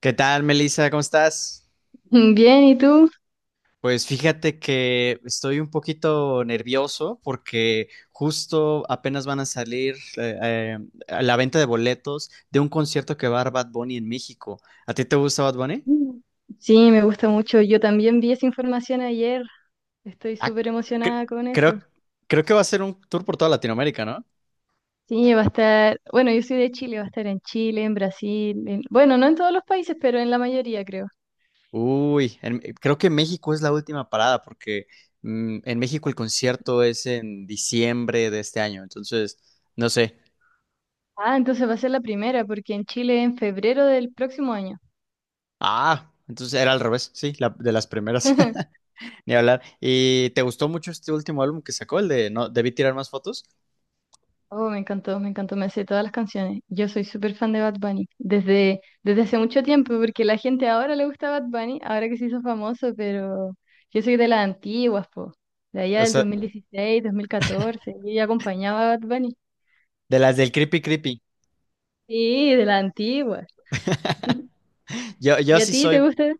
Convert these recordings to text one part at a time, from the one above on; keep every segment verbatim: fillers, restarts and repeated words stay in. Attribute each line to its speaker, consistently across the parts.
Speaker 1: ¿Qué tal, Melissa? ¿Cómo estás?
Speaker 2: Bien, ¿y tú?
Speaker 1: Pues fíjate que estoy un poquito nervioso porque justo apenas van a salir eh, eh, a la venta de boletos de un concierto que va a dar Bad Bunny en México. ¿A ti te gusta Bad Bunny?
Speaker 2: Mm. Sí, me gusta mucho. Yo también vi esa información ayer. Estoy
Speaker 1: Ah,
Speaker 2: súper
Speaker 1: cre-
Speaker 2: emocionada con eso.
Speaker 1: creo, creo que va a ser un tour por toda Latinoamérica, ¿no?
Speaker 2: Sí, va a estar, bueno, yo soy de Chile, va a estar en Chile, en Brasil, en- bueno, no en todos los países, pero en la mayoría creo.
Speaker 1: Uy, en- creo que México es la última parada porque mm, en México el concierto es en diciembre de este año, entonces no sé.
Speaker 2: Ah, entonces va a ser la primera, porque en Chile en febrero del próximo año.
Speaker 1: Ah, entonces era al revés, sí, la- de las primeras, ni hablar. ¿Y te gustó mucho este último álbum que sacó, el de No, debí tirar más fotos?
Speaker 2: Oh, me encantó, me encantó, me sé todas las canciones. Yo soy súper fan de Bad Bunny desde, desde hace mucho tiempo, porque la gente ahora le gusta Bad Bunny, ahora que se hizo famoso, pero yo soy de las antiguas, po, de allá
Speaker 1: O
Speaker 2: del
Speaker 1: sea,
Speaker 2: dos mil dieciséis, dos mil catorce, yo ya acompañaba a Bad Bunny.
Speaker 1: de las del Creepy Creepy.
Speaker 2: Sí, de las antiguas.
Speaker 1: Yo, yo
Speaker 2: ¿Y a
Speaker 1: sí
Speaker 2: ti te
Speaker 1: soy,
Speaker 2: gusta?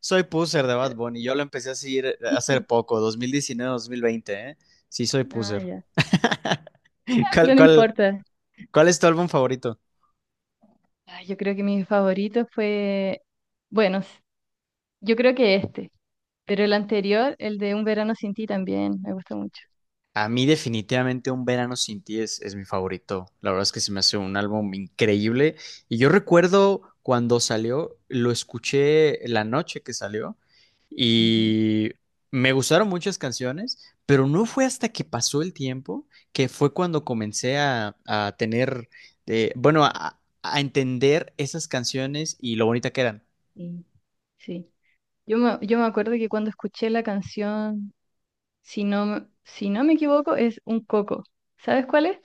Speaker 1: soy puser de Bad Bunny, yo lo empecé a seguir eh, hace poco, dos mil diecinueve, dos mil veinte, ¿eh? Sí soy
Speaker 2: Ah,
Speaker 1: puser.
Speaker 2: ya. Ah,
Speaker 1: ¿Cuál,
Speaker 2: pero no
Speaker 1: cuál,
Speaker 2: importa.
Speaker 1: cuál es tu álbum favorito?
Speaker 2: Ah, yo creo que mi favorito fue, bueno, s- yo creo que este, pero el anterior, el de Un verano sin ti también, me gusta mucho.
Speaker 1: A mí definitivamente Un Verano Sin Ti es, es mi favorito. La verdad es que se me hace un álbum increíble. Y yo recuerdo cuando salió, lo escuché la noche que salió y me gustaron muchas canciones, pero no fue hasta que pasó el tiempo que fue cuando comencé a, a tener, eh, bueno, a, a entender esas canciones y lo bonita que eran.
Speaker 2: Sí, sí. Yo me, yo me acuerdo que cuando escuché la canción, si no, me- si no me equivoco, es Un Coco. ¿Sabes cuál es?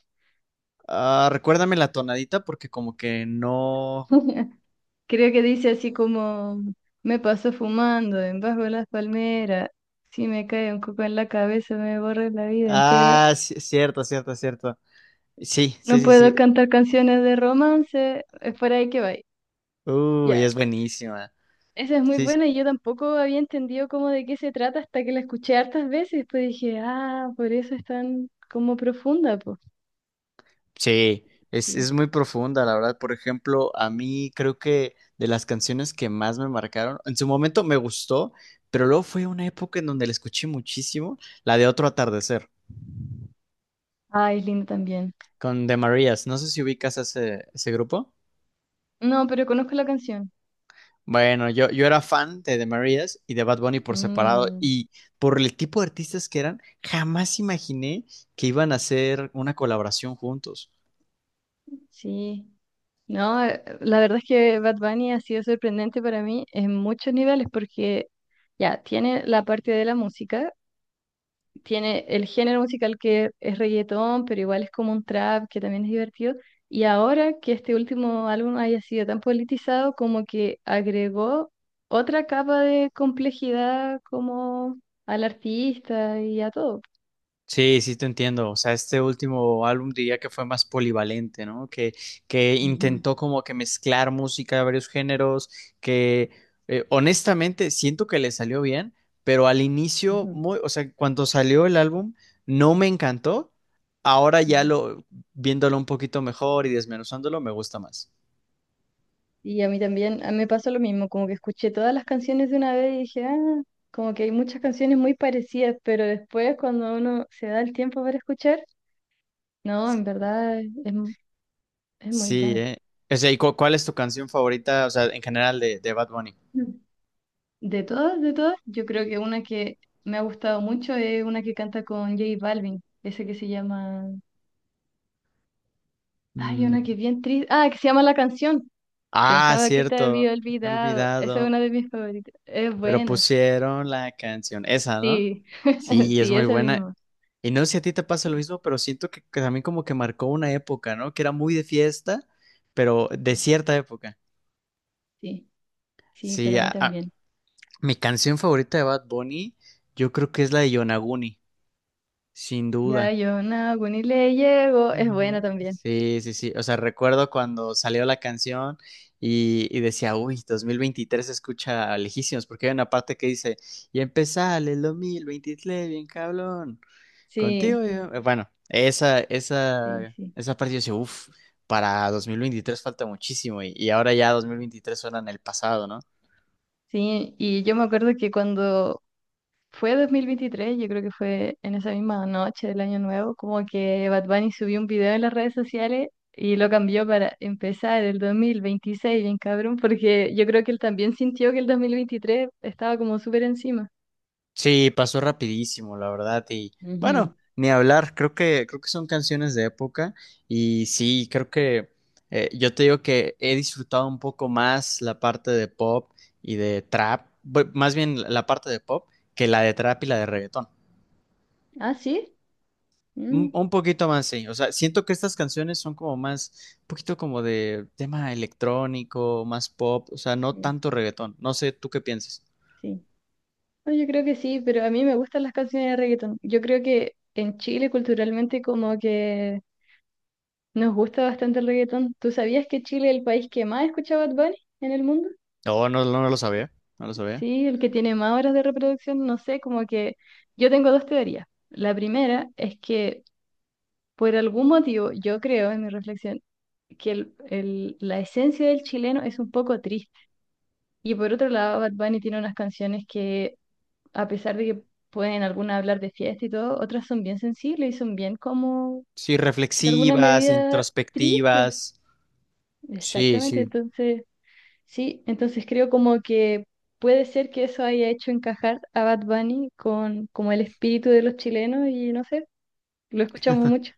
Speaker 1: Ah, recuérdame la tonadita porque como que no...
Speaker 2: Creo que dice así como, me paso fumando en bajo las palmeras, si me cae un coco en la cabeza me borra la vida entera.
Speaker 1: Ah, ci- cierto, cierto, cierto. Sí, sí,
Speaker 2: No
Speaker 1: sí, sí.
Speaker 2: puedo cantar canciones de romance, es por ahí que va.
Speaker 1: Uy, es
Speaker 2: Ya,
Speaker 1: buenísima.
Speaker 2: esa es muy
Speaker 1: Sí, sí,
Speaker 2: buena y yo tampoco había entendido cómo de qué se trata hasta que la escuché hartas veces, pues dije, ah, por eso es tan como profunda, pues.
Speaker 1: sí, es,
Speaker 2: Sí.
Speaker 1: es muy profunda, la verdad. Por ejemplo, a mí creo que de las canciones que más me marcaron, en su momento me gustó, pero luego fue una época en donde la escuché muchísimo, la de Otro Atardecer,
Speaker 2: Ay, es lindo también.
Speaker 1: con The Marías. No sé si ubicas a ese, ese grupo.
Speaker 2: No, pero conozco la canción.
Speaker 1: Bueno, yo, yo era fan de The Marías y de Bad Bunny por separado,
Speaker 2: Mm,
Speaker 1: y por el tipo de artistas que eran, jamás imaginé que iban a hacer una colaboración juntos.
Speaker 2: sí. No, eh, la verdad es que Bad Bunny ha sido sorprendente para mí en muchos niveles porque ya tiene la parte de la música, tiene el género musical que es reggaetón, pero igual es como un trap que también es divertido. Y ahora que este último álbum haya sido tan politizado, como que agregó otra capa de complejidad como al artista y a todo.
Speaker 1: Sí, sí te entiendo. O sea, este último álbum diría que fue más polivalente, ¿no? Que, que
Speaker 2: Ujú,
Speaker 1: intentó como que mezclar música de varios géneros, que eh, honestamente siento que le salió bien, pero al inicio,
Speaker 2: ujú.
Speaker 1: muy, o sea, cuando salió el álbum, no me encantó. Ahora ya
Speaker 2: Ujú.
Speaker 1: lo, viéndolo un poquito mejor y desmenuzándolo, me gusta más.
Speaker 2: Y a mí también, a mí me pasó lo mismo, como que escuché todas las canciones de una vez y dije, ah, como que hay muchas canciones muy parecidas, pero después cuando uno se da el tiempo para escuchar, no, en verdad es, es mu- es muy
Speaker 1: Sí,
Speaker 2: bueno.
Speaker 1: ¿eh? O sea, ¿y cu- cuál es tu canción favorita, o sea, en general de, de Bad Bunny?
Speaker 2: Mm. De todas, de todas, yo creo que una que me ha gustado mucho es una que canta con J Balvin, ese que se llama, ay,
Speaker 1: Mm.
Speaker 2: una que es bien triste, ah, que se llama La Canción.
Speaker 1: Ah,
Speaker 2: Pensaba que te
Speaker 1: cierto,
Speaker 2: había
Speaker 1: me he
Speaker 2: olvidado. Esa es
Speaker 1: olvidado.
Speaker 2: una de mis favoritas. Es
Speaker 1: Pero
Speaker 2: buena.
Speaker 1: pusieron la canción esa, ¿no?
Speaker 2: Sí,
Speaker 1: Sí, es
Speaker 2: sí,
Speaker 1: muy
Speaker 2: esa
Speaker 1: buena.
Speaker 2: misma.
Speaker 1: Y no sé si a ti te pasa lo mismo, pero siento que, que también como que marcó una época, ¿no? Que era muy de fiesta, pero de cierta época.
Speaker 2: Sí. Sí, para
Speaker 1: Sí,
Speaker 2: mí
Speaker 1: a- a-
Speaker 2: también.
Speaker 1: mi canción favorita de Bad Bunny, yo creo que es la de Yonaguni, sin
Speaker 2: Ya
Speaker 1: duda.
Speaker 2: yo no, ni le llego, es
Speaker 1: Digo,
Speaker 2: buena también.
Speaker 1: sí, sí, sí. O sea, recuerdo cuando salió la canción y, y decía, uy, dos mil veintitrés se escucha lejísimos, porque hay una parte que dice, y empezale el dos mil veintitrés, bien cabrón. Contigo,
Speaker 2: Sí,
Speaker 1: yo- eh, bueno, esa,
Speaker 2: sí,
Speaker 1: esa,
Speaker 2: sí.
Speaker 1: esa parte yo decía, uff, para dos mil veintitrés falta muchísimo y, y ahora ya dos mil veintitrés suena en el pasado, ¿no?
Speaker 2: Sí, y yo me acuerdo que cuando fue dos mil veintitrés, yo creo que fue en esa misma noche del Año Nuevo, como que Bad Bunny subió un video en las redes sociales y lo cambió para empezar el dos mil veintiséis, bien cabrón, porque yo creo que él también sintió que el dos mil veintitrés estaba como súper encima.
Speaker 1: Sí, pasó rapidísimo, la verdad, y bueno,
Speaker 2: Ujú.
Speaker 1: ni hablar, creo que, creo que son canciones de época y sí, creo que eh, yo te digo que he disfrutado un poco más la parte de pop y de trap, bu- más bien la parte de pop que la de trap y la de reggaetón.
Speaker 2: Ah, sí.
Speaker 1: Un
Speaker 2: Mm,
Speaker 1: un poquito más, sí. O sea, siento que estas canciones son como más, un poquito como de tema electrónico, más pop, o sea, no
Speaker 2: sí,
Speaker 1: tanto reggaetón. No sé, ¿tú qué piensas?
Speaker 2: sí. No, yo creo que sí, pero a mí me gustan las canciones de reggaetón. Yo creo que en Chile culturalmente como que nos gusta bastante el reggaetón. ¿Tú sabías que Chile es el país que más escucha Bad Bunny en el mundo?
Speaker 1: No, no, no lo sabía, no lo sabía.
Speaker 2: Sí, el que tiene más horas de reproducción, no sé, como que yo tengo dos teorías. La primera es que por algún motivo, yo creo en mi reflexión, que el- el- la esencia del chileno es un poco triste. Y por otro lado, Bad Bunny tiene unas canciones que a pesar de que pueden algunas hablar de fiesta y todo, otras son bien sensibles y son bien como,
Speaker 1: Sí,
Speaker 2: de alguna
Speaker 1: reflexivas,
Speaker 2: medida, tristes.
Speaker 1: introspectivas. Sí,
Speaker 2: Exactamente,
Speaker 1: sí.
Speaker 2: entonces, sí, entonces creo como que puede ser que eso haya hecho encajar a Bad Bunny con como el espíritu de los chilenos y no sé, lo escuchamos mucho.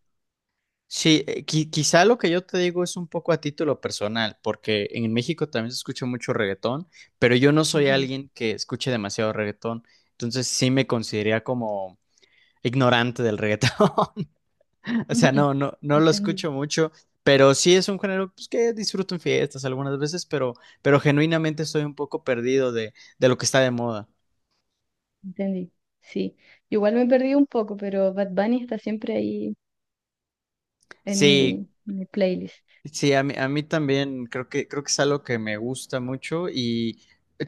Speaker 1: Sí, eh, qui- quizá lo que yo te digo es un poco a título personal, porque en México también se escucha mucho reggaetón, pero yo no soy
Speaker 2: Ujú.
Speaker 1: alguien que escuche demasiado reggaetón, entonces sí me consideraría como ignorante del reggaetón. O sea,
Speaker 2: Ujú.
Speaker 1: no, no, no lo
Speaker 2: Entendí,
Speaker 1: escucho mucho, pero sí es un género pues, que disfruto en fiestas algunas veces, pero, pero genuinamente estoy un poco perdido de, de lo que está de moda.
Speaker 2: entendí. Sí, igual me perdí un poco, pero Bad Bunny está siempre ahí en mi,
Speaker 1: Sí,
Speaker 2: en mi playlist.
Speaker 1: sí, a mí, a mí también creo que, creo que es algo que me gusta mucho y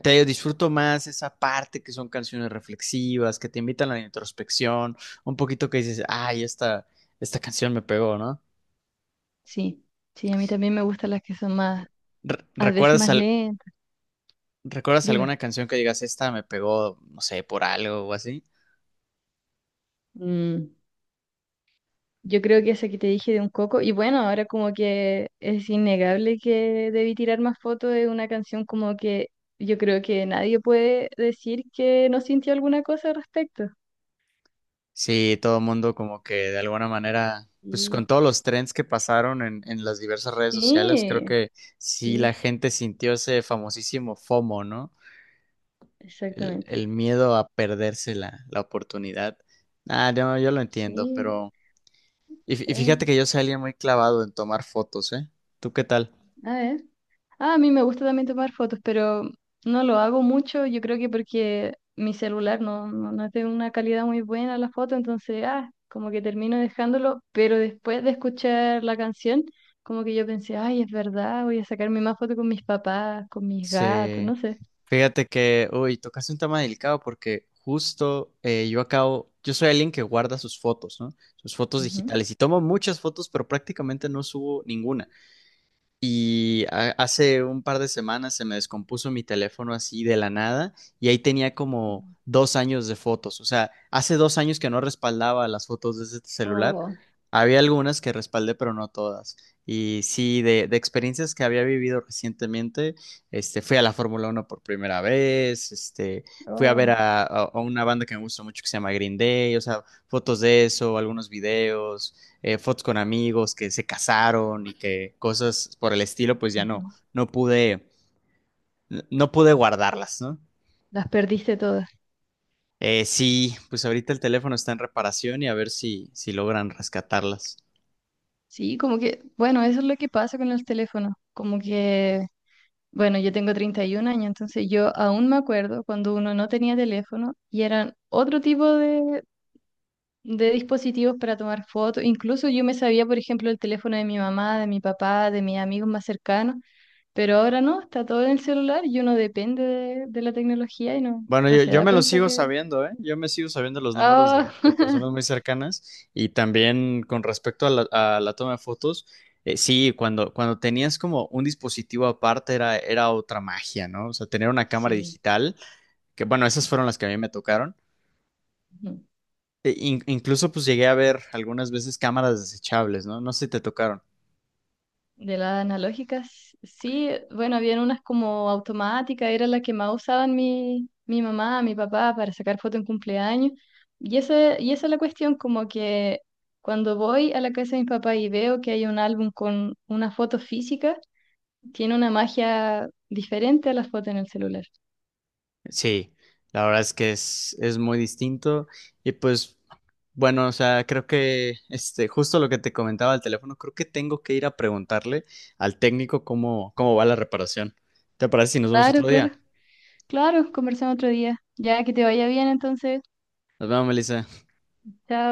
Speaker 1: te digo, disfruto más esa parte que son canciones reflexivas, que te invitan a la introspección, un poquito que dices, ay, esta, esta canción me pegó, ¿no?
Speaker 2: Sí, sí, a mí también me gustan las que son más
Speaker 1: Re-
Speaker 2: a veces
Speaker 1: ¿Recuerdas
Speaker 2: más
Speaker 1: al-
Speaker 2: lenta.
Speaker 1: ¿Recuerdas alguna
Speaker 2: Dime.
Speaker 1: canción que digas, esta me pegó, no sé, por algo o así?
Speaker 2: Mm, yo creo que esa que te dije de un coco, y bueno, ahora como que es innegable que debí tirar más fotos de una canción como que yo creo que nadie puede decir que no sintió alguna cosa al respecto.
Speaker 1: Sí, todo el mundo como que de alguna manera, pues con
Speaker 2: Sí.
Speaker 1: todos los trends que pasaron en, en las diversas redes sociales, creo
Speaker 2: Sí,
Speaker 1: que sí la
Speaker 2: sí,
Speaker 1: gente sintió ese famosísimo F O M O, ¿no? El, el
Speaker 2: exactamente.
Speaker 1: miedo a perderse la, la oportunidad. Ah, no, yo lo entiendo,
Speaker 2: Sí,
Speaker 1: pero... Y, fí- y
Speaker 2: eh,
Speaker 1: fíjate que yo soy alguien muy clavado en tomar fotos, ¿eh? ¿Tú qué tal?
Speaker 2: a ver. Ah, a mí me gusta también tomar fotos, pero no lo hago mucho. Yo creo que porque mi celular no, no, no tiene una calidad muy buena la foto, entonces, ah, como que termino dejándolo. Pero después de escuchar la canción, como que yo pensé, ay, es verdad, voy a sacarme más fotos con mis papás, con mis gatos,
Speaker 1: Sí,
Speaker 2: no sé.
Speaker 1: fíjate que, uy, tocaste un tema delicado porque justo eh, yo acabo, yo soy alguien que guarda sus fotos, ¿no? Sus fotos
Speaker 2: Ujú.
Speaker 1: digitales y tomo muchas fotos, pero prácticamente no subo ninguna. Y ha- hace un par de semanas se me descompuso mi teléfono así de la nada y ahí tenía como dos años de fotos. O sea, hace dos años que no respaldaba las fotos de ese celular.
Speaker 2: Oh,
Speaker 1: Había algunas que respaldé, pero no todas. Y sí, de, de experiencias que había vivido recientemente, este, fui a la Fórmula Uno por primera vez, este, fui a ver
Speaker 2: oh.
Speaker 1: a, a- a una banda que me gusta mucho que se llama Green Day, o sea, fotos de eso, algunos videos, eh, fotos con amigos que se casaron y que cosas por el estilo, pues ya no,
Speaker 2: Ujú.
Speaker 1: no pude, no pude guardarlas, ¿no?
Speaker 2: Las perdiste todas.
Speaker 1: Eh, sí, pues ahorita el teléfono está en reparación y a ver si, si logran rescatarlas.
Speaker 2: Sí, como que, bueno, eso es lo que pasa con los teléfonos. Como que bueno, yo tengo treinta y un años, entonces yo aún me acuerdo cuando uno no tenía teléfono y eran otro tipo de, de dispositivos para tomar fotos. Incluso yo me sabía, por ejemplo, el teléfono de mi mamá, de mi papá, de mis amigos más cercanos, pero ahora no, está todo en el celular y uno depende de, de la tecnología y no,
Speaker 1: Bueno,
Speaker 2: no
Speaker 1: yo,
Speaker 2: se
Speaker 1: yo
Speaker 2: da
Speaker 1: me lo
Speaker 2: cuenta
Speaker 1: sigo
Speaker 2: que...
Speaker 1: sabiendo, ¿eh? Yo me sigo sabiendo los números de,
Speaker 2: Ah,
Speaker 1: de personas muy cercanas y también con respecto a la, a la toma de fotos, eh, sí, cuando, cuando tenías como un dispositivo aparte era, era otra magia, ¿no? O sea, tener una cámara
Speaker 2: sí,
Speaker 1: digital, que bueno, esas
Speaker 2: sí.
Speaker 1: fueron las que a mí me tocaron, E- in- incluso pues llegué a ver algunas veces cámaras desechables, ¿no? No sé si te tocaron.
Speaker 2: De las analógicas, sí, bueno, habían unas como automáticas, era la que más usaban mi, mi mamá, mi papá para sacar fotos en cumpleaños. Y, ese, y esa es la cuestión, como que cuando voy a la casa de mi papá y veo que hay un álbum con una foto física, tiene una magia diferente a las fotos en el celular.
Speaker 1: Sí, la verdad es que es, es muy distinto y pues bueno, o sea, creo que este, justo lo que te comentaba del teléfono, creo que tengo que ir a preguntarle al técnico cómo, cómo va la reparación. ¿Te parece si nos vemos
Speaker 2: Claro,
Speaker 1: otro
Speaker 2: claro,
Speaker 1: día?
Speaker 2: claro, conversamos otro día. Ya que te vaya bien entonces,
Speaker 1: Nos vemos, Melissa.
Speaker 2: chao.